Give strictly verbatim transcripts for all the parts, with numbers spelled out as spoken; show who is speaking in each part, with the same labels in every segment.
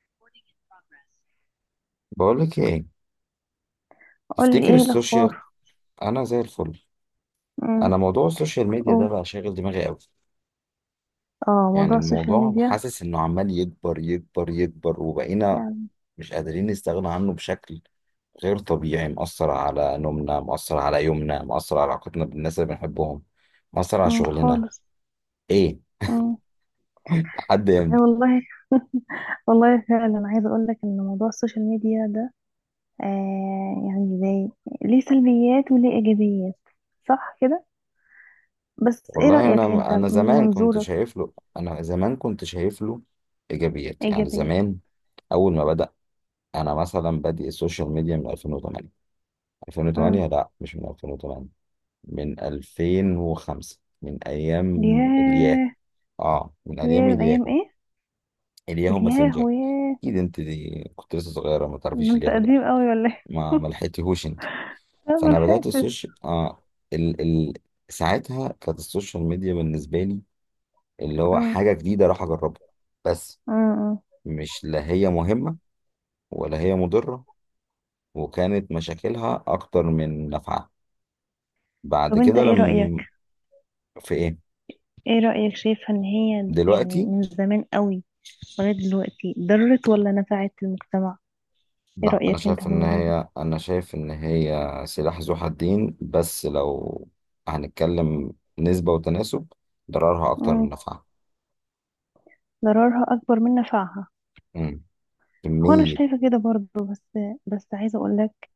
Speaker 1: Recording in progress.
Speaker 2: بقولك ايه؟
Speaker 1: قولي
Speaker 2: تفتكر
Speaker 1: ايه
Speaker 2: السوشيال؟
Speaker 1: الاخبار.
Speaker 2: انا زي الفل.
Speaker 1: امم
Speaker 2: انا موضوع السوشيال ميديا ده
Speaker 1: قول.
Speaker 2: بقى شاغل دماغي قوي.
Speaker 1: اه،
Speaker 2: يعني
Speaker 1: موضوع السوشيال
Speaker 2: الموضوع
Speaker 1: ميديا.
Speaker 2: حاسس انه عمال يكبر يكبر يكبر وبقينا
Speaker 1: يعني.
Speaker 2: مش قادرين نستغنى عنه بشكل غير طبيعي، مأثر على نومنا، مأثر على يومنا، مأثر على علاقتنا بالناس اللي بنحبهم، مأثر على
Speaker 1: امم
Speaker 2: شغلنا.
Speaker 1: خالص
Speaker 2: ايه؟
Speaker 1: امم
Speaker 2: لحد
Speaker 1: إيه
Speaker 2: امتى؟
Speaker 1: والله. والله فعلا عايزه اقول لك ان موضوع السوشيال ميديا ده آه يعني زي، ليه سلبيات وليه ايجابيات، صح كده؟ بس ايه
Speaker 2: والله
Speaker 1: رايك انت
Speaker 2: انا انا
Speaker 1: من
Speaker 2: زمان كنت
Speaker 1: منظورك؟
Speaker 2: شايف له انا زمان كنت شايف له ايجابيات، يعني
Speaker 1: ايجابيه.
Speaker 2: زمان اول ما بدأ. انا مثلا بادئ السوشيال ميديا من ألفين وتمانية،
Speaker 1: امم
Speaker 2: ألفين وتمانية لا، مش من ألفين وتمانية، من ألفين وخمسة، من ايام الياهو.
Speaker 1: ياه.
Speaker 2: اه، من
Speaker 1: ياه،
Speaker 2: ايام
Speaker 1: من ايام
Speaker 2: الياهو،
Speaker 1: ايه؟
Speaker 2: الياهو
Speaker 1: ياه
Speaker 2: ماسنجر.
Speaker 1: وياه.
Speaker 2: اكيد انت دي كنت لسه صغيره، ما
Speaker 1: ده
Speaker 2: تعرفيش
Speaker 1: انت
Speaker 2: الياهو ده،
Speaker 1: قديم قوي ولا ايه؟
Speaker 2: ما ما لحقتيهوش انت.
Speaker 1: أنا
Speaker 2: فانا بدات
Speaker 1: ملحقتش.
Speaker 2: السوشيال، اه ال... ال... ساعتها كانت السوشيال ميديا بالنسبه لي اللي هو
Speaker 1: امم
Speaker 2: حاجه جديده اروح اجربها بس.
Speaker 1: أمم، أمم.
Speaker 2: مش، لا هي مهمه ولا هي مضره، وكانت مشاكلها اكتر من نفعها. بعد
Speaker 1: طب انت
Speaker 2: كده
Speaker 1: ايه
Speaker 2: لما،
Speaker 1: رايك؟
Speaker 2: في ايه؟
Speaker 1: ايه رأيك، شايفة ان هي يعني
Speaker 2: دلوقتي.
Speaker 1: من زمان قوي لغاية دلوقتي ضرت ولا نفعت المجتمع؟ ايه
Speaker 2: لا، انا
Speaker 1: رأيك انت في
Speaker 2: شايف ان
Speaker 1: الموضوع ده؟
Speaker 2: هي انا شايف ان هي سلاح ذو حدين، بس لو هنتكلم نسبة وتناسب، ضررها اكتر من
Speaker 1: مم.
Speaker 2: نفعها.
Speaker 1: ضررها اكبر من نفعها.
Speaker 2: امم،
Speaker 1: هو انا
Speaker 2: كمية.
Speaker 1: شايفة كده برضو، بس بس عايزة اقولك،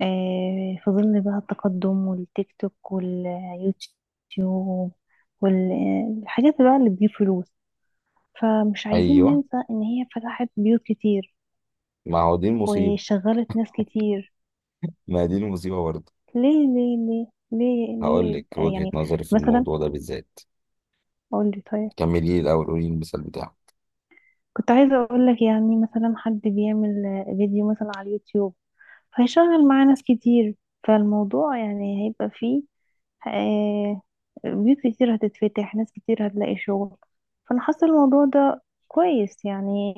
Speaker 1: آه في ظل بقى التقدم والتيك توك واليوتيوب والحاجات بقى اللي بتجيب فلوس، فمش عايزين
Speaker 2: ايوه،
Speaker 1: ننسى ان هي فتحت بيوت كتير
Speaker 2: ما هو دي المصيبة،
Speaker 1: وشغلت ناس كتير.
Speaker 2: ما دي المصيبة برضه.
Speaker 1: ليه ليه ليه ليه
Speaker 2: هقول
Speaker 1: ليه
Speaker 2: لك
Speaker 1: آه،
Speaker 2: وجهة
Speaker 1: يعني
Speaker 2: نظري في
Speaker 1: مثلا،
Speaker 2: الموضوع ده بالذات.
Speaker 1: قول لي طيب.
Speaker 2: كملي لي الاول، قولي لي المثال بتاعك.
Speaker 1: كنت عايزة اقول لك يعني مثلا حد بيعمل آه، فيديو مثلا على اليوتيوب، فهيشغل معاه ناس كتير، فالموضوع يعني هيبقى فيه آه، بيوت كتير هتتفتح، ناس كتير هتلاقي شغل. فانا حاسة الموضوع ده كويس يعني.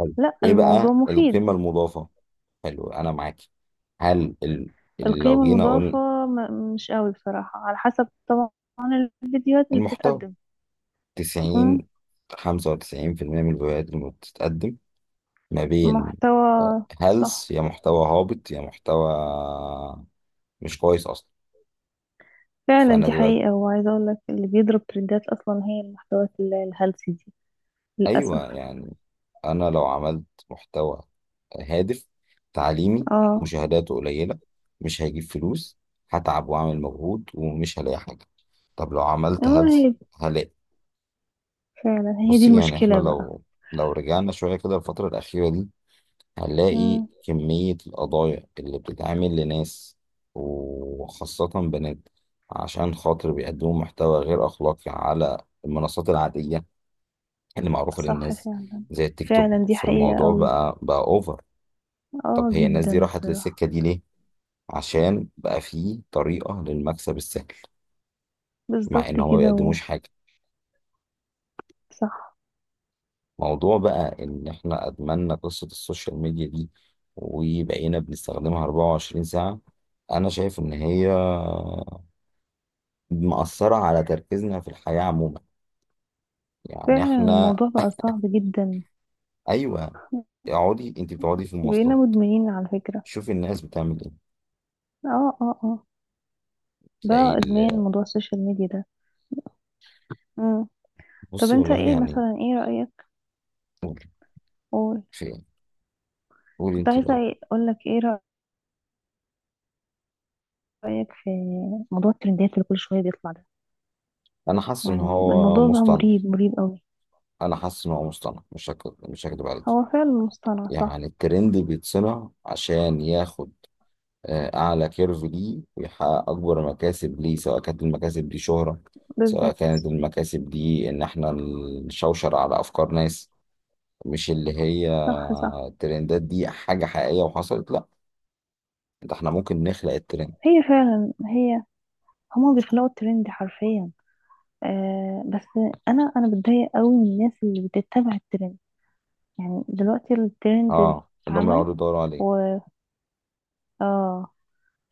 Speaker 2: حلو.
Speaker 1: لا،
Speaker 2: ايه
Speaker 1: الموضوع
Speaker 2: بقى
Speaker 1: مفيد.
Speaker 2: القيمة المضافة؟ حلو، انا معاكي. هل ال... ال- لو
Speaker 1: القيمة
Speaker 2: جينا اقول،
Speaker 1: المضافة م- مش قوي بصراحة، على حسب طبعا الفيديوهات اللي
Speaker 2: المحتوى
Speaker 1: بتتقدم. مم،
Speaker 2: تسعين، خمسة وتسعين في المية من الفيديوهات اللي بتتقدم ما بين
Speaker 1: محتوى. صح،
Speaker 2: هلس، يا محتوى هابط يا محتوى مش كويس اصلا.
Speaker 1: فعلا
Speaker 2: فانا
Speaker 1: دي
Speaker 2: دلوقتي،
Speaker 1: حقيقة، وعايزة اقول لك اللي بيضرب ترندات اصلا هي المحتويات ال- الهلسي دي، للأسف.
Speaker 2: ايوه يعني، انا لو عملت محتوى هادف تعليمي،
Speaker 1: اه.
Speaker 2: مشاهداته قليله، مش هيجيب فلوس، هتعب واعمل مجهود ومش هلاقي حاجه. طب لو عملت
Speaker 1: اه، هي
Speaker 2: هلس،
Speaker 1: دي،
Speaker 2: هلاقي.
Speaker 1: فعلا هي دي
Speaker 2: بصي يعني، احنا
Speaker 1: المشكلة بقى.
Speaker 2: لو، لو رجعنا شويه كده الفتره الاخيره دي، هنلاقي
Speaker 1: مم.
Speaker 2: كمية القضايا اللي بتتعمل لناس وخاصة بنات، عشان خاطر بيقدموا محتوى غير أخلاقي على المنصات العادية اللي معروفة
Speaker 1: صح
Speaker 2: للناس
Speaker 1: فعلا.
Speaker 2: زي التيك توك.
Speaker 1: فعلا دي حقيقة
Speaker 2: فالموضوع
Speaker 1: قوي،
Speaker 2: بقى بقى أوفر. طب
Speaker 1: اه
Speaker 2: هي الناس دي
Speaker 1: جدا
Speaker 2: راحت
Speaker 1: بصراحة.
Speaker 2: للسكة دي ليه؟ عشان بقى فيه طريقة للمكسب السهل، مع
Speaker 1: بالظبط
Speaker 2: إن هو ما
Speaker 1: كده. و...
Speaker 2: بيقدموش حاجة.
Speaker 1: صح
Speaker 2: موضوع بقى إن إحنا أدمنا قصة السوشيال ميديا دي، وبقينا بنستخدمها أربعة وعشرين ساعة. أنا شايف إن هي مأثرة على تركيزنا في الحياة عموما. يعني
Speaker 1: فعلا،
Speaker 2: احنا،
Speaker 1: الموضوع بقى صعب جدا.
Speaker 2: ايوه، اقعدي انت بتقعدي في
Speaker 1: بقينا
Speaker 2: المواصلات،
Speaker 1: مدمنين على فكرة.
Speaker 2: شوفي الناس بتعمل ايه.
Speaker 1: اه اه اه، ده
Speaker 2: تلاقي
Speaker 1: ادمان
Speaker 2: ال...
Speaker 1: موضوع السوشيال ميديا ده. مم. طب
Speaker 2: بصي
Speaker 1: انت
Speaker 2: والله
Speaker 1: ايه
Speaker 2: يعني.
Speaker 1: مثلا، ايه رأيك؟
Speaker 2: قولي،
Speaker 1: قول.
Speaker 2: في ايه؟ قولي
Speaker 1: كنت
Speaker 2: انت
Speaker 1: عايزة
Speaker 2: الاول.
Speaker 1: ايه- اقول لك ايه رأيك في موضوع الترندات اللي كل شوية بيطلع ده،
Speaker 2: انا حاسس ان
Speaker 1: يعني
Speaker 2: هو
Speaker 1: الموضوع بقى
Speaker 2: مصطنع،
Speaker 1: مريب، مريب قوي.
Speaker 2: انا حاسس ان هو مصطنع مش هك... مش هكدب عليك.
Speaker 1: هو فعلا مصطنع صح.
Speaker 2: يعني الترند بيتصنع عشان ياخد آه، اعلى كيرف ليه ويحقق اكبر مكاسب ليه، سواء كانت المكاسب دي شهرة، سواء
Speaker 1: بالظبط.
Speaker 2: كانت المكاسب دي ان احنا نشوشر على افكار ناس. مش اللي هي
Speaker 1: صح صح.
Speaker 2: الترندات دي حاجة حقيقية وحصلت، لا، ده احنا ممكن نخلق الترند.
Speaker 1: هي فعلا هي، هما بيخلقوا الترند حرفيا. آه بس، انا انا بتضايق قوي من الناس اللي بتتبع الترند. يعني دلوقتي الترند
Speaker 2: اه، اللي هم
Speaker 1: اتعمل،
Speaker 2: يقعدوا يدوروا عليه.
Speaker 1: و اه،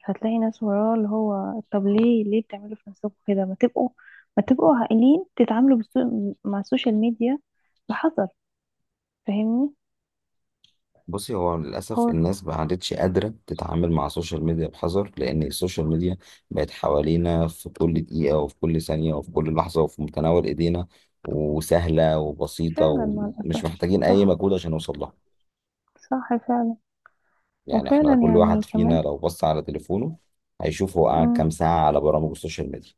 Speaker 1: هتلاقي ناس وراه، اللي هو طب ليه، ليه بتعملوا في نفسكم كده؟ ما تبقوا، ما تبقوا عاقلين، تتعاملوا بالسو... مع السوشيال ميديا بحذر. فاهمني؟
Speaker 2: بصي، هو للأسف
Speaker 1: هو
Speaker 2: الناس ما عادتش قادرة تتعامل مع السوشيال ميديا بحذر، لأن السوشيال ميديا بقت حوالينا في كل دقيقة وفي كل ثانية وفي كل لحظة وفي متناول إيدينا، وسهلة وبسيطة
Speaker 1: فعلا مع
Speaker 2: ومش
Speaker 1: الأسف.
Speaker 2: محتاجين أي
Speaker 1: صح.
Speaker 2: مجهود عشان نوصل لها.
Speaker 1: صح فعلا.
Speaker 2: يعني احنا
Speaker 1: وفعلا
Speaker 2: كل
Speaker 1: يعني
Speaker 2: واحد فينا
Speaker 1: كمان،
Speaker 2: لو بص على تليفونه هيشوف هو قعد
Speaker 1: مم،
Speaker 2: كام ساعة على برامج السوشيال ميديا.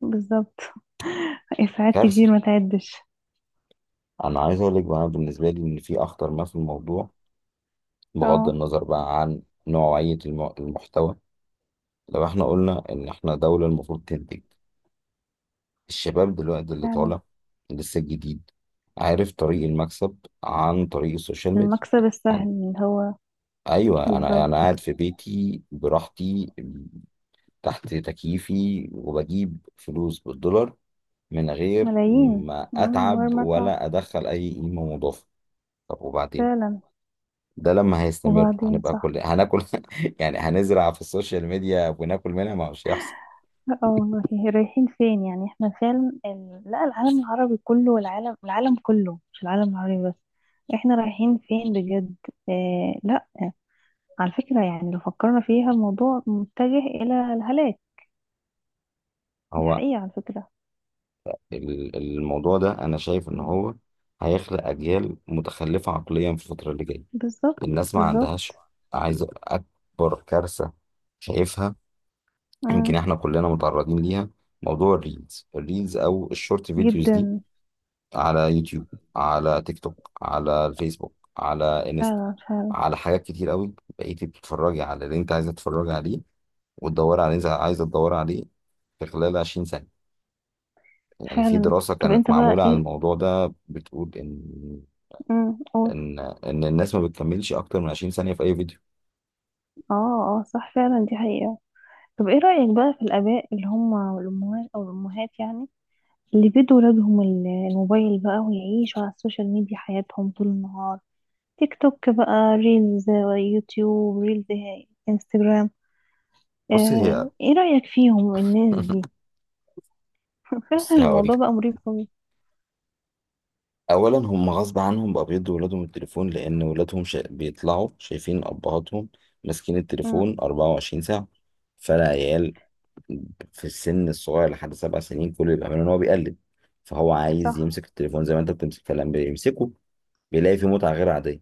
Speaker 1: بالظبط. ساعات
Speaker 2: كارثة.
Speaker 1: كتير ما تعدش.
Speaker 2: انا عايز اقول لك بقى، أنا بالنسبه لي ان في اخطر ما في الموضوع، بغض
Speaker 1: اه
Speaker 2: النظر بقى عن نوعيه الم- المحتوى، لو احنا قلنا ان احنا دوله المفروض تنتج، الشباب دلوقتي اللي
Speaker 1: فعلا.
Speaker 2: طالع لسه جديد عارف طريق المكسب عن طريق السوشيال ميديا.
Speaker 1: المكسب
Speaker 2: عن...
Speaker 1: السهل اللي هو،
Speaker 2: ايوه، انا انا
Speaker 1: بالظبط.
Speaker 2: قاعد في بيتي براحتي تحت تكييفي وبجيب فلوس بالدولار من غير
Speaker 1: ملايين.
Speaker 2: ما
Speaker 1: مم، من غير
Speaker 2: اتعب
Speaker 1: ما تعرف.
Speaker 2: ولا ادخل اي قيمه مضافه. طب وبعدين؟
Speaker 1: فعلا.
Speaker 2: ده لما هيستمر
Speaker 1: وبعدين،
Speaker 2: هنبقى
Speaker 1: صح.
Speaker 2: كل هناكل. يعني هنزرع في السوشيال ميديا وناكل منها، ما هوش يحصل.
Speaker 1: لا، آه، والله. رايحين فين يعني؟ احنا فعلا ال... لا، العالم العربي كله والعالم، العالم كله مش العالم العربي بس، احنا رايحين فين بجد؟ اه لا، على فكرة، يعني لو فكرنا فيها الموضوع متجه إلى الهلاك. دي
Speaker 2: هو
Speaker 1: حقيقة على فكرة.
Speaker 2: ال- الموضوع ده انا شايف ان هو هيخلق اجيال متخلفه عقليا في الفتره اللي جايه.
Speaker 1: بالظبط.
Speaker 2: الناس ما
Speaker 1: بالظبط.
Speaker 2: عندهاش. عايز اكبر كارثه شايفها،
Speaker 1: مم،
Speaker 2: يمكن احنا كلنا متعرضين ليها، موضوع الريلز، الريلز او الشورت فيديوز دي،
Speaker 1: جدا.
Speaker 2: على يوتيوب، على تيك توك، على الفيسبوك، على انستا،
Speaker 1: فعلا. فعلا
Speaker 2: على حاجات كتير قوي. بقيتي بتتفرجي على اللي انت عايزه تتفرجي عليه وتدور عليه زي عايزة تدور عليه. في خلال عشرين سنة، يعني في
Speaker 1: فعلا.
Speaker 2: دراسة
Speaker 1: طب
Speaker 2: كانت
Speaker 1: انت بقى
Speaker 2: معمولة عن
Speaker 1: ايه؟
Speaker 2: الموضوع ده بتقول إن،
Speaker 1: امم قول.
Speaker 2: إن إن الناس ما بتكملش أكتر من عشرين ثانية في أي فيديو.
Speaker 1: اه اه، صح فعلا دي حقيقة. طب ايه رأيك بقى في الآباء اللي هم، والأمهات، أو الأمهات يعني، اللي بيدوا ولادهم ال- الموبايل بقى، ويعيشوا على السوشيال ميديا حياتهم طول النهار. تيك توك بقى، ريلز، يوتيوب، ريلز، انستجرام،
Speaker 2: بص هي
Speaker 1: آه. ايه رأيك فيهم الناس دي؟ فعلا
Speaker 2: بص هقول
Speaker 1: الموضوع
Speaker 2: لك.
Speaker 1: بقى مريب قوي.
Speaker 2: أولا هم غصب عنهم بقى بيدوا ولادهم التليفون، لأن ولادهم شا... بيطلعوا شايفين أبهاتهم ماسكين
Speaker 1: أمم،
Speaker 2: التليفون أربعة وعشرين ساعة. فالعيال في السن الصغير لحد سبع سنين كل اللي بيعمله إن هو بيقلد، فهو عايز
Speaker 1: صح
Speaker 2: يمسك التليفون زي ما أنت بتمسك، فلما بيمسكه بيلاقي فيه متعة غير عادية.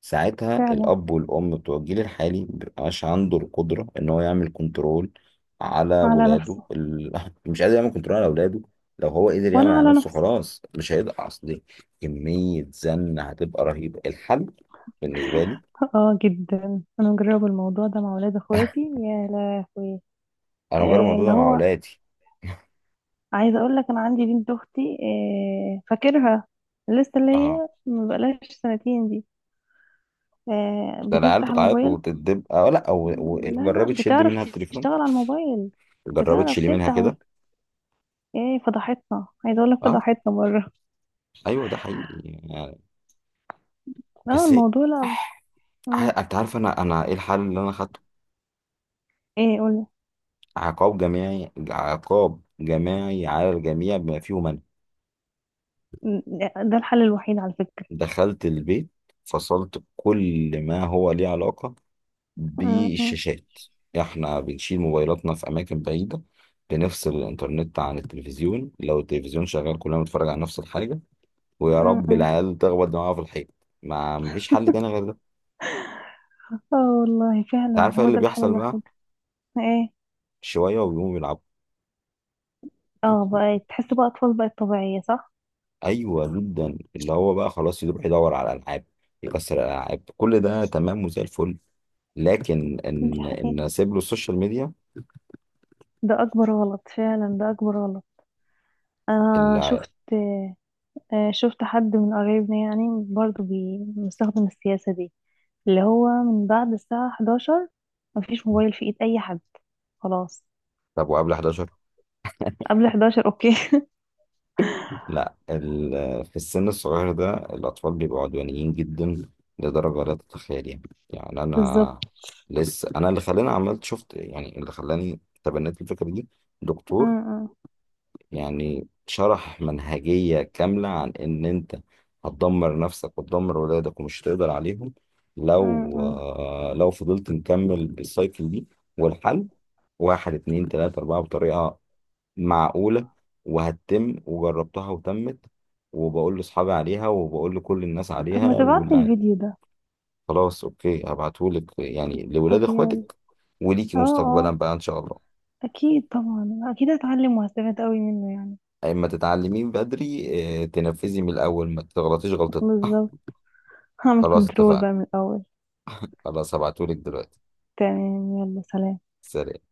Speaker 2: ساعتها
Speaker 1: فعلا.
Speaker 2: الأب والأم بتوع الجيل الحالي مبيبقاش عنده القدرة إن هو يعمل كنترول على
Speaker 1: على
Speaker 2: ولاده
Speaker 1: نفسه.
Speaker 2: ال... مش قادر يعمل كنترول على ولاده. لو هو قدر يعمل
Speaker 1: ولا
Speaker 2: على
Speaker 1: على
Speaker 2: نفسه
Speaker 1: نفسه.
Speaker 2: خلاص، مش هيقدر. أصل كمية زن هتبقى رهيبة. الحل بالنسبة لي،
Speaker 1: اه جدا، انا مجربه الموضوع ده مع ولاد اخواتي يا لهوي.
Speaker 2: أنا بجرب
Speaker 1: آه،
Speaker 2: الموضوع
Speaker 1: اللي
Speaker 2: ده مع
Speaker 1: هو،
Speaker 2: ولادي.
Speaker 1: عايزه اقول لك انا عندي بنت اختي، آه، فاكرها، لسه اللي
Speaker 2: اه،
Speaker 1: هي ما بقالهاش سنتين دي، آه،
Speaker 2: ده العيال
Speaker 1: بتفتح
Speaker 2: بتعيط
Speaker 1: الموبايل.
Speaker 2: وتدب. اه لا، أو... و...
Speaker 1: لا
Speaker 2: جربي
Speaker 1: لا،
Speaker 2: تشد
Speaker 1: بتعرف
Speaker 2: منها التليفون،
Speaker 1: تشتغل على الموبايل،
Speaker 2: جربي
Speaker 1: بتعرف
Speaker 2: تشيلي منها
Speaker 1: تفتح
Speaker 2: كده.
Speaker 1: وت... ايه فضحتنا، عايزه اقول لك
Speaker 2: اه،
Speaker 1: فضحتنا مره.
Speaker 2: ايوه ده حقيقي يعني.
Speaker 1: اه،
Speaker 2: بس إيه،
Speaker 1: الموضوع لا. مم.
Speaker 2: آه، انت عارف انا انا ايه الحل اللي انا خدته؟
Speaker 1: ايه؟ قول.
Speaker 2: عقاب جماعي، عقاب جماعي على الجميع بما فيهم أنا.
Speaker 1: ده الحل الوحيد على فكره.
Speaker 2: دخلت البيت، فصلت كل ما هو ليه علاقة
Speaker 1: مم، مم،
Speaker 2: بالشاشات. احنا بنشيل موبايلاتنا في أماكن بعيدة، بنفصل الإنترنت عن التلفزيون. لو التلفزيون شغال كلنا بنتفرج على نفس الحاجة، ويا
Speaker 1: مم،
Speaker 2: رب
Speaker 1: مم.
Speaker 2: العيال تخبط دماغها في الحيط. ما مفيش حل تاني غير ده.
Speaker 1: اه والله
Speaker 2: انت
Speaker 1: فعلا
Speaker 2: عارف ايه
Speaker 1: هو
Speaker 2: اللي
Speaker 1: ده الحل
Speaker 2: بيحصل بقى؟
Speaker 1: الوحيد. ايه؟
Speaker 2: شوية وبيقوموا بيلعبوا.
Speaker 1: اه بقى تحس بقى اطفال بقت طبيعيه، صح.
Speaker 2: أيوة جدا، اللي هو بقى خلاص يروح يدور على ألعاب، يكسر الألعاب، كل ده تمام وزي الفل. لكن
Speaker 1: دي
Speaker 2: ان ان
Speaker 1: حقيقه.
Speaker 2: اسيب له السوشيال ميديا
Speaker 1: ده اكبر غلط، فعلا ده اكبر غلط. انا
Speaker 2: اللي...
Speaker 1: شفت، آه، شفت حد من قرايبنا يعني برضو بي- مستخدم السياسة دي، اللي هو من بعد الساعة إحداشر مفيش موبايل في ايد اي حد، خلاص.
Speaker 2: طب وقبل حداشر؟
Speaker 1: قبل إحداشر اوكي.
Speaker 2: لا، ال... في السن الصغير ده الاطفال بيبقوا عدوانيين جدا لدرجه لا تتخيليها. يعني يعني
Speaker 1: بالظبط.
Speaker 2: انا، لسه انا اللي خلاني عملت شفت يعني اللي خلاني تبنيت الفكره دي،
Speaker 1: م-
Speaker 2: دكتور
Speaker 1: م-
Speaker 2: يعني شرح منهجية كاملة عن إن أنت هتدمر نفسك وتدمر ولادك ومش هتقدر عليهم
Speaker 1: م-
Speaker 2: لو،
Speaker 1: م.
Speaker 2: آه، لو فضلت نكمل بالسايكل دي. والحل واحد اتنين تلاتة أربعة بطريقة معقولة، وهتتم وجربتها وتمت، وبقول لأصحابي عليها وبقول لكل الناس
Speaker 1: طب
Speaker 2: عليها
Speaker 1: ما
Speaker 2: واللي
Speaker 1: تبعتلي
Speaker 2: ع-
Speaker 1: الفيديو ده.
Speaker 2: خلاص، أوكي هبعتهولك، يعني لولاد
Speaker 1: طب يلا.
Speaker 2: إخواتك وليكي
Speaker 1: اه
Speaker 2: مستقبلا
Speaker 1: اه،
Speaker 2: بقى إن شاء الله.
Speaker 1: اكيد طبعا، اكيد هتعلم وهستفاد قوي منه يعني.
Speaker 2: أما تتعلمين بدري، اه، تنفذي من الأول ما تغلطيش غلطة.
Speaker 1: بالظبط، هعمل
Speaker 2: خلاص
Speaker 1: كنترول
Speaker 2: اتفقنا،
Speaker 1: بقى من الاول.
Speaker 2: خلاص هبعتهولك دلوقتي.
Speaker 1: تمام، يلا سلام.
Speaker 2: سلام.